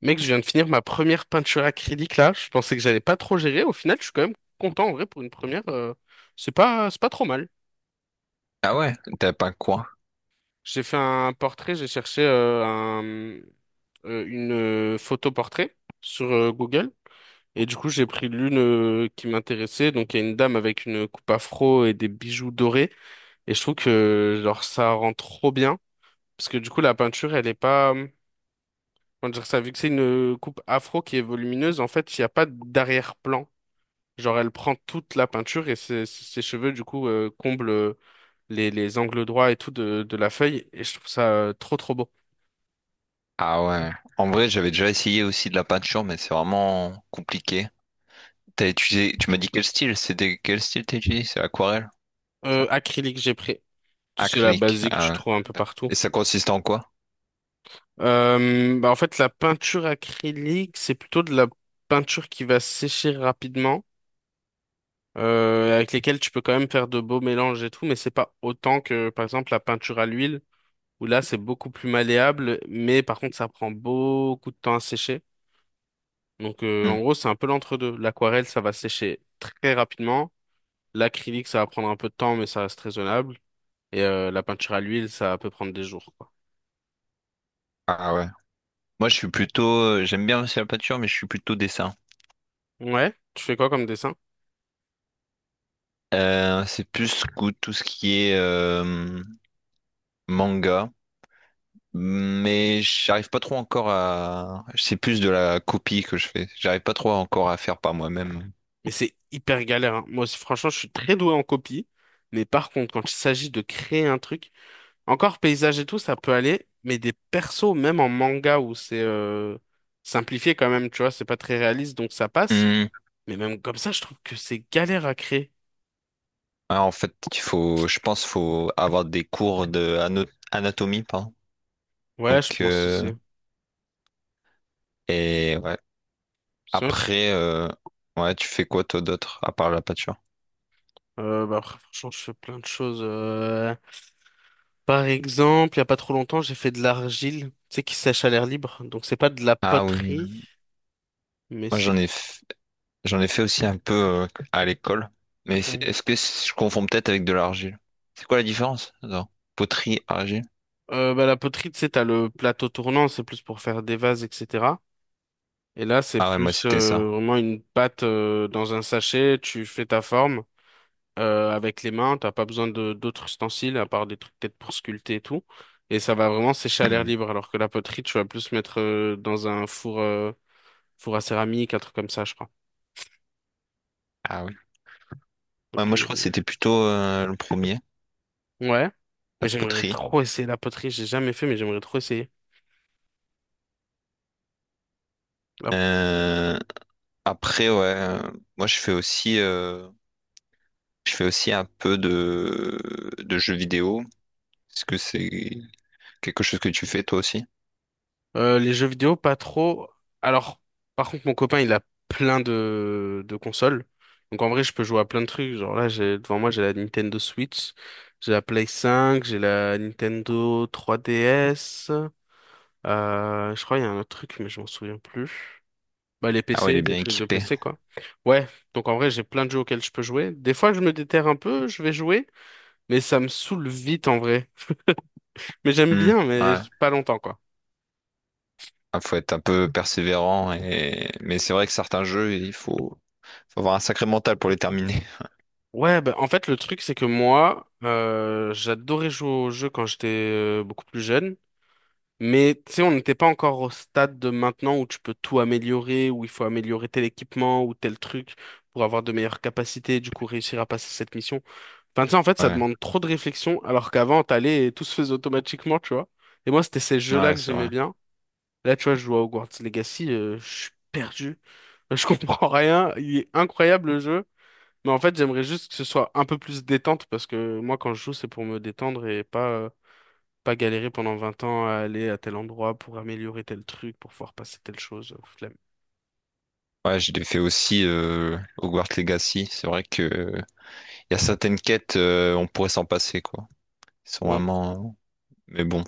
Mec, je viens de finir ma première peinture acrylique là. Je pensais que j'allais pas trop gérer. Au final, je suis quand même content en vrai pour une première. C'est pas, c'est pas trop mal. Ah ouais, t'as pas quoi? J'ai fait un portrait. J'ai cherché un, une photo portrait sur Google. Et du coup, j'ai pris l'une qui m'intéressait. Donc, il y a une dame avec une coupe afro et des bijoux dorés. Et je trouve que genre ça rend trop bien. Parce que du coup, la peinture, elle est pas. Comment dire ça? Vu que c'est une coupe afro qui est volumineuse, en fait, il n'y a pas d'arrière-plan. Genre, elle prend toute la peinture et ses cheveux, du coup, comblent les angles droits et tout de la feuille. Et je trouve ça trop beau. Ah ouais. En vrai, j'avais déjà essayé aussi de la peinture, mais c'est vraiment compliqué. T'as utilisé, tu m'as dit quel style? C'était quel style t'as utilisé? C'est aquarelle, ça? Acrylique, j'ai pris. C'est la Acrylique. basique, tu Ah trouves ouais. un peu partout. Et ça consiste en quoi? En fait, la peinture acrylique, c'est plutôt de la peinture qui va sécher rapidement, avec lesquelles tu peux quand même faire de beaux mélanges et tout, mais c'est pas autant que, par exemple, la peinture à l'huile, où là, c'est beaucoup plus malléable, mais par contre, ça prend beaucoup de temps à sécher. Donc Hmm. en gros, c'est un peu l'entre-deux. L'aquarelle, ça va sécher très rapidement. L'acrylique, ça va prendre un peu de temps, mais ça reste raisonnable. Et la peinture à l'huile, ça peut prendre des jours, quoi. Ah ouais. Moi, je suis plutôt, j'aime bien aussi la peinture, mais je suis plutôt dessin. Ouais, tu fais quoi comme dessin? C'est plus tout ce qui est manga, mais j'arrive pas trop encore à. C'est plus de la copie que je fais. J'arrive pas trop encore à faire par moi-même. Mais c'est hyper galère, hein. Moi aussi, franchement, je suis très doué en copie. Mais par contre, quand il s'agit de créer un truc, encore paysage et tout, ça peut aller. Mais des persos, même en manga où c'est simplifié quand même, tu vois, c'est pas très réaliste, donc ça passe. Hmm. Mais même comme ça, je trouve que c'est galère à créer. Ouais, en fait, il faut, je pense, faut avoir des cours de anatomie, pardon. Ouais, je Donc, pense euh, aussi. et ouais. C'est vrai. Après, ouais, tu fais quoi toi d'autre à part la peinture? Bah après, franchement, je fais plein de choses. Par exemple, il y a pas trop longtemps, j'ai fait de l'argile, tu sais, qui sèche à l'air libre. Donc, c'est pas de la Ah oui, poterie, mais moi c'est... j'en ai fait aussi un peu à l'école. Mais Mm. est-ce que je confonds peut-être avec de l'argile? C'est quoi la différence? Attends. Poterie, argile? La poterie, tu sais, t'as le plateau tournant, c'est plus pour faire des vases, etc. Et là, c'est Ah ouais, moi plus c'était ça. Vraiment une pâte dans un sachet, tu fais ta forme avec les mains, t'as pas besoin de d'autres ustensiles, à part des trucs peut-être pour sculpter et tout. Et ça va vraiment sécher à l'air Hmm. libre, alors que la poterie, tu vas plus mettre dans un four... four à céramique, un truc comme ça, je crois. Ah oui. Ouais, Ok. moi je crois que c'était plutôt le premier, Ouais. Mais la j'aimerais poterie. trop essayer la poterie. J'ai jamais fait, mais j'aimerais trop essayer. Là. Euh, après, ouais, moi je fais aussi. Je fais aussi un peu de jeux vidéo. Est-ce que c'est quelque chose que tu fais toi aussi? Les jeux vidéo, pas trop. Alors, par contre, mon copain, il a plein de consoles. Donc en vrai, je peux jouer à plein de trucs. Genre là, j'ai devant moi, j'ai la Nintendo Switch, j'ai la Play 5, j'ai la Nintendo 3DS. Je crois il y a un autre truc, mais je m'en souviens plus. Bah les Ah ouais, il PC, est les bien trucs de équipé. PC quoi. Ouais. Donc en vrai, j'ai plein de jeux auxquels je peux jouer. Des fois, je me déterre un peu, je vais jouer, mais ça me saoule vite en vrai. Mais j'aime Hmm, bien, mais ouais. pas longtemps, quoi. Ah, faut être un peu persévérant et mais c'est vrai que certains jeux, faut avoir un sacré mental pour les terminer. Ouais, bah, en fait, le truc, c'est que moi, j'adorais jouer aux jeux quand j'étais beaucoup plus jeune. Mais, tu sais, on n'était pas encore au stade de maintenant où tu peux tout améliorer, où il faut améliorer tel équipement ou tel truc pour avoir de meilleures capacités, et du coup réussir à passer cette mission. Enfin, tu sais, en fait, ça demande trop de réflexion, alors qu'avant, t'allais et tout se faisait automatiquement, tu vois. Et moi, c'était ces Ouais, jeux-là ouais, que c'est j'aimais vrai. bien. Là, tu vois, je joue à Hogwarts Legacy, je suis perdu. Je comprends rien. Il est incroyable, le jeu. Mais en fait, j'aimerais juste que ce soit un peu plus détente parce que moi, quand je joue, c'est pour me détendre et pas galérer pendant 20 ans à aller à tel endroit pour améliorer tel truc, pour pouvoir passer telle chose. Flemme. Ouais, je l'ai fait aussi Hogwarts Legacy. C'est vrai que y a certaines quêtes, on pourrait s'en passer, quoi. Ils sont Bon, vraiment. Mais bon,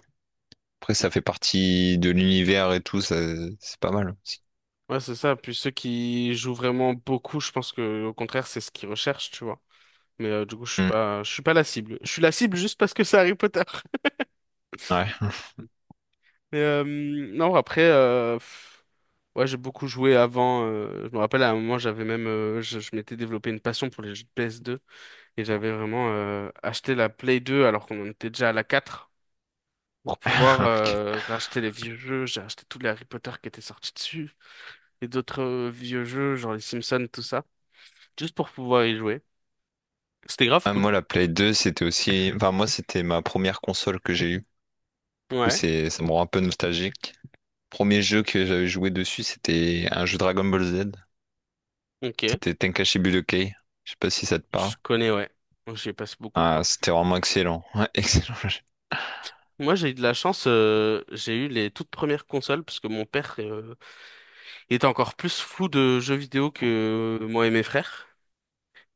après, ça fait partie de l'univers et tout, ça, c'est pas mal aussi. ouais, c'est ça. Puis ceux qui jouent vraiment beaucoup, je pense que au contraire, c'est ce qu'ils recherchent, tu vois. Mais du coup, Hmm. Je suis pas la cible. Je suis la cible juste parce que c'est Harry Potter. Ouais. Mais non, après, pff, ouais, j'ai beaucoup joué avant. Je me rappelle à un moment, j'avais même, je m'étais développé une passion pour les jeux de PS2. Et j'avais vraiment acheté la Play 2 alors qu'on en était déjà à la 4 pour pouvoir Ok. Racheter les vieux jeux. J'ai acheté tous les Harry Potter qui étaient sortis dessus et d'autres vieux jeux, genre les Simpsons, tout ça, juste pour pouvoir y jouer. C'était grave Ah, cool. moi, la Play 2, c'était aussi. Enfin, moi, c'était ma première console que j'ai eue. Du coup, Ouais, c'est... ça me rend un peu nostalgique. Premier jeu que j'avais joué dessus, c'était un jeu Dragon Ball Z. ok. C'était Tenkaichi Budokai. Je sais pas si ça te Je parle. connais, ouais. J'y ai passé beaucoup de Ah, temps. c'était vraiment excellent. Ouais, excellent jeu. Moi, j'ai eu de la chance, j'ai eu les toutes premières consoles parce que mon père était encore plus fou de jeux vidéo que moi et mes frères.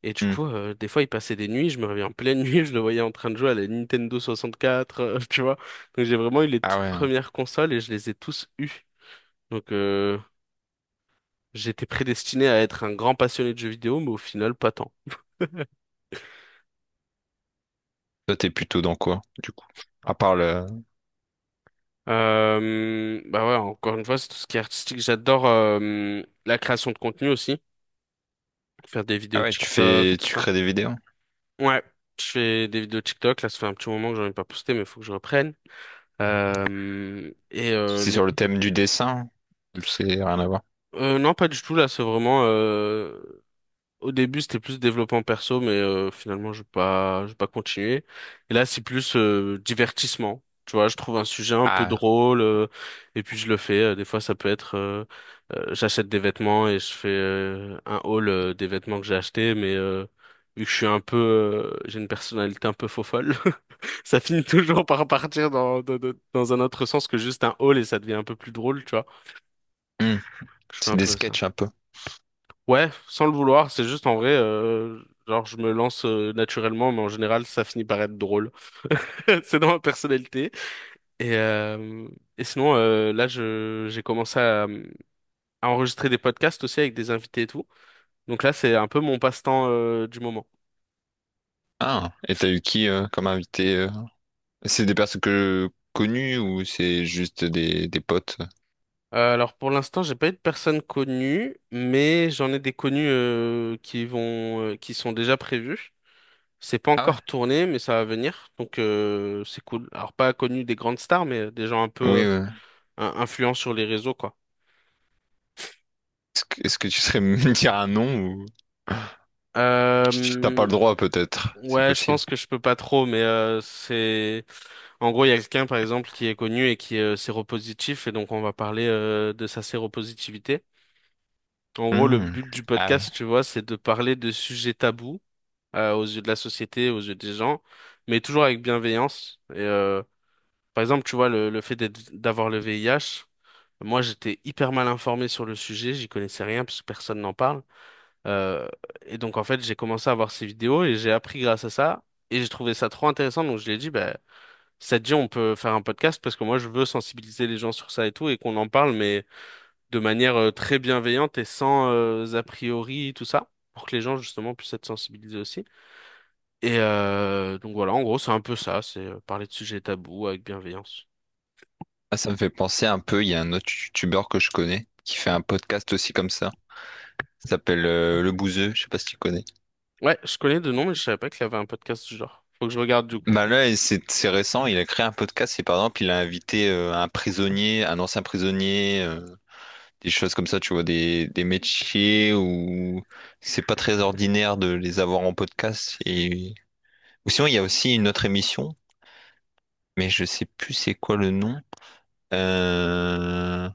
Et du Hmm. coup, des fois, il passait des nuits, je me réveillais en pleine nuit, je le voyais en train de jouer à la Nintendo 64, tu vois. Donc j'ai vraiment eu les Ah toutes ouais. premières consoles et je les ai tous eues. Donc j'étais prédestiné à être un grand passionné de jeux vidéo, mais au final, pas tant. Toi, t'es plutôt dans quoi, du coup? À part le... Bah ouais, encore une fois, c'est tout ce qui est artistique. J'adore la création de contenu aussi, faire des Ah vidéos ouais, tu TikTok, fais... tout Tu ça. crées des vidéos. Ouais, je fais des vidéos TikTok, là, ça fait un petit moment que j'en ai pas posté, mais il faut que je reprenne. Euh, et euh, C'est les sur le thème du dessin. C'est rien à voir. Non, pas du tout, là, c'est vraiment... Au début, c'était plus développement perso, mais finalement, je vais pas continuer. Et là, c'est plus divertissement. Tu vois, je trouve un sujet un peu Ah, drôle, et puis je le fais. Des fois, ça peut être... j'achète des vêtements et je fais un haul des vêtements que j'ai achetés, mais vu que je suis un peu... j'ai une personnalité un peu faux-folle, ça finit toujours par partir dans un autre sens que juste un haul, et ça devient un peu plus drôle, tu vois. hmm, Je fais c'est un des peu ça. sketchs un peu. Ouais, sans le vouloir, c'est juste en vrai, genre je me lance naturellement, mais en général ça finit par être drôle. C'est dans ma personnalité. Et, euh, et sinon, là je j'ai commencé à enregistrer des podcasts aussi avec des invités et tout. Donc là c'est un peu mon passe-temps du moment. Ah, et t'as eu qui comme invité euh, c'est des personnes que... connues ou c'est juste des potes? Alors pour l'instant j'ai pas eu de personnes connues, mais j'en ai des connus qui sont déjà prévus. C'est pas Ah ouais. encore tourné, mais ça va venir, donc c'est cool. Alors pas connu des grandes stars, mais des gens un Oui, peu ouais. Influent sur les réseaux, quoi. Est-ce que tu serais me dire un nom ou... T'as pas Euh, le droit peut-être, c'est ouais, je possible. pense que je peux pas trop, mais c'est... En gros, il y a quelqu'un, par exemple, qui est connu et qui est séropositif, et donc on va parler de sa séropositivité. En gros, le Hmm. but du Ah oui. podcast, tu vois, c'est de parler de sujets tabous aux yeux de la société, aux yeux des gens, mais toujours avec bienveillance. Par exemple, tu vois, le fait d'avoir le VIH, moi, j'étais hyper mal informé sur le sujet, j'y connaissais rien parce que personne n'en parle. Euh, et donc en fait, j'ai commencé à voir ces vidéos et j'ai appris grâce à ça. Et j'ai trouvé ça trop intéressant. Donc je l'ai dit, bah, si ça te dit, on peut faire un podcast parce que moi, je veux sensibiliser les gens sur ça et tout et qu'on en parle, mais de manière très bienveillante et sans a priori, tout ça, pour que les gens justement puissent être sensibilisés aussi. Et donc voilà, en gros, c'est un peu ça, c'est parler de sujets tabous avec bienveillance. Ah, ça me fait penser un peu, il y a un autre youtubeur que je connais qui fait un podcast aussi comme ça. Ça s'appelle Le Bouzeux, je sais pas si tu connais. Ouais, je connais de nom, mais je savais pas qu'il y avait un podcast du genre. Faut que je regarde du coup. Bah là, et c'est récent, il a créé un podcast et par exemple, il a invité un prisonnier, un ancien prisonnier, des choses comme ça, tu vois, des métiers où c'est pas très ordinaire de les avoir en podcast. Et... Ou sinon, il y a aussi une autre émission, mais je sais plus c'est quoi le nom. Euh,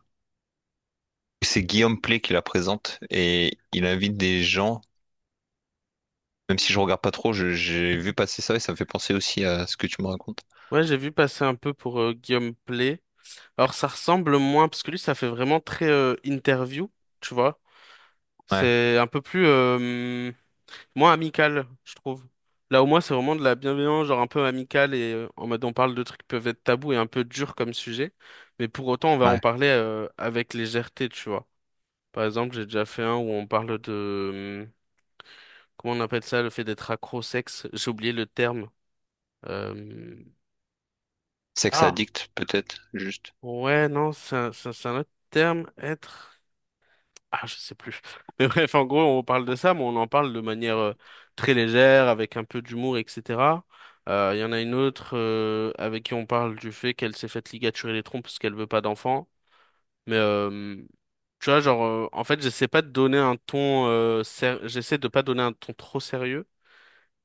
C'est Guillaume Play qui la présente et il invite des gens, même si je regarde pas trop, j'ai vu passer ça et ça me fait penser aussi à ce que tu me racontes. Ouais, j'ai vu passer un peu pour Guillaume Play. Alors ça ressemble moins, parce que lui ça fait vraiment très interview, tu vois. Ouais. C'est un peu plus moins amical, je trouve. Là au moins c'est vraiment de la bienveillance, genre un peu amicale et en mode on parle de trucs qui peuvent être tabous et un peu durs comme sujet, mais pour autant on va en Ouais. parler avec légèreté, tu vois. Par exemple j'ai déjà fait un où on parle de... Comment on appelle ça, le fait d'être accro-sexe? Au sexe, j'ai oublié le terme. Euh, Sex Ah. addict, peut-être, juste. Ouais, non, c'est un autre terme, être. Ah, je sais plus. Mais bref, en gros, on parle de ça, mais on en parle de manière très légère, avec un peu d'humour, etc. Il y en a une autre avec qui on parle du fait qu'elle s'est faite ligaturer les trompes parce qu'elle veut pas d'enfant. Mais tu vois, genre, en fait, j'essaie pas de donner un ton, j'essaie de pas donner un ton trop sérieux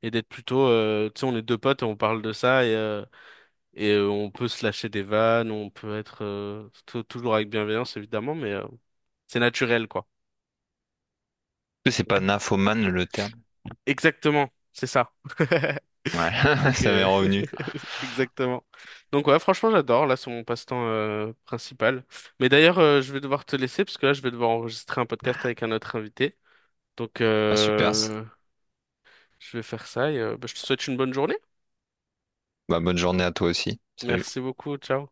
et d'être plutôt, tu sais, on est deux potes et on parle de ça et on peut se lâcher des vannes, on peut être toujours avec bienveillance évidemment, mais c'est naturel, quoi. C'est pas nymphomane le terme. Exactement, c'est ça. Ouais, Donc, ça m'est revenu. exactement. Donc, ouais, franchement, j'adore. Là, c'est mon passe-temps principal. Mais d'ailleurs, je vais devoir te laisser parce que là, je vais devoir enregistrer un podcast avec un autre invité. Donc, Ah, super. Je vais faire ça et bah, je te souhaite une bonne journée. Bah, bonne journée à toi aussi. Salut. Merci beaucoup. Ciao.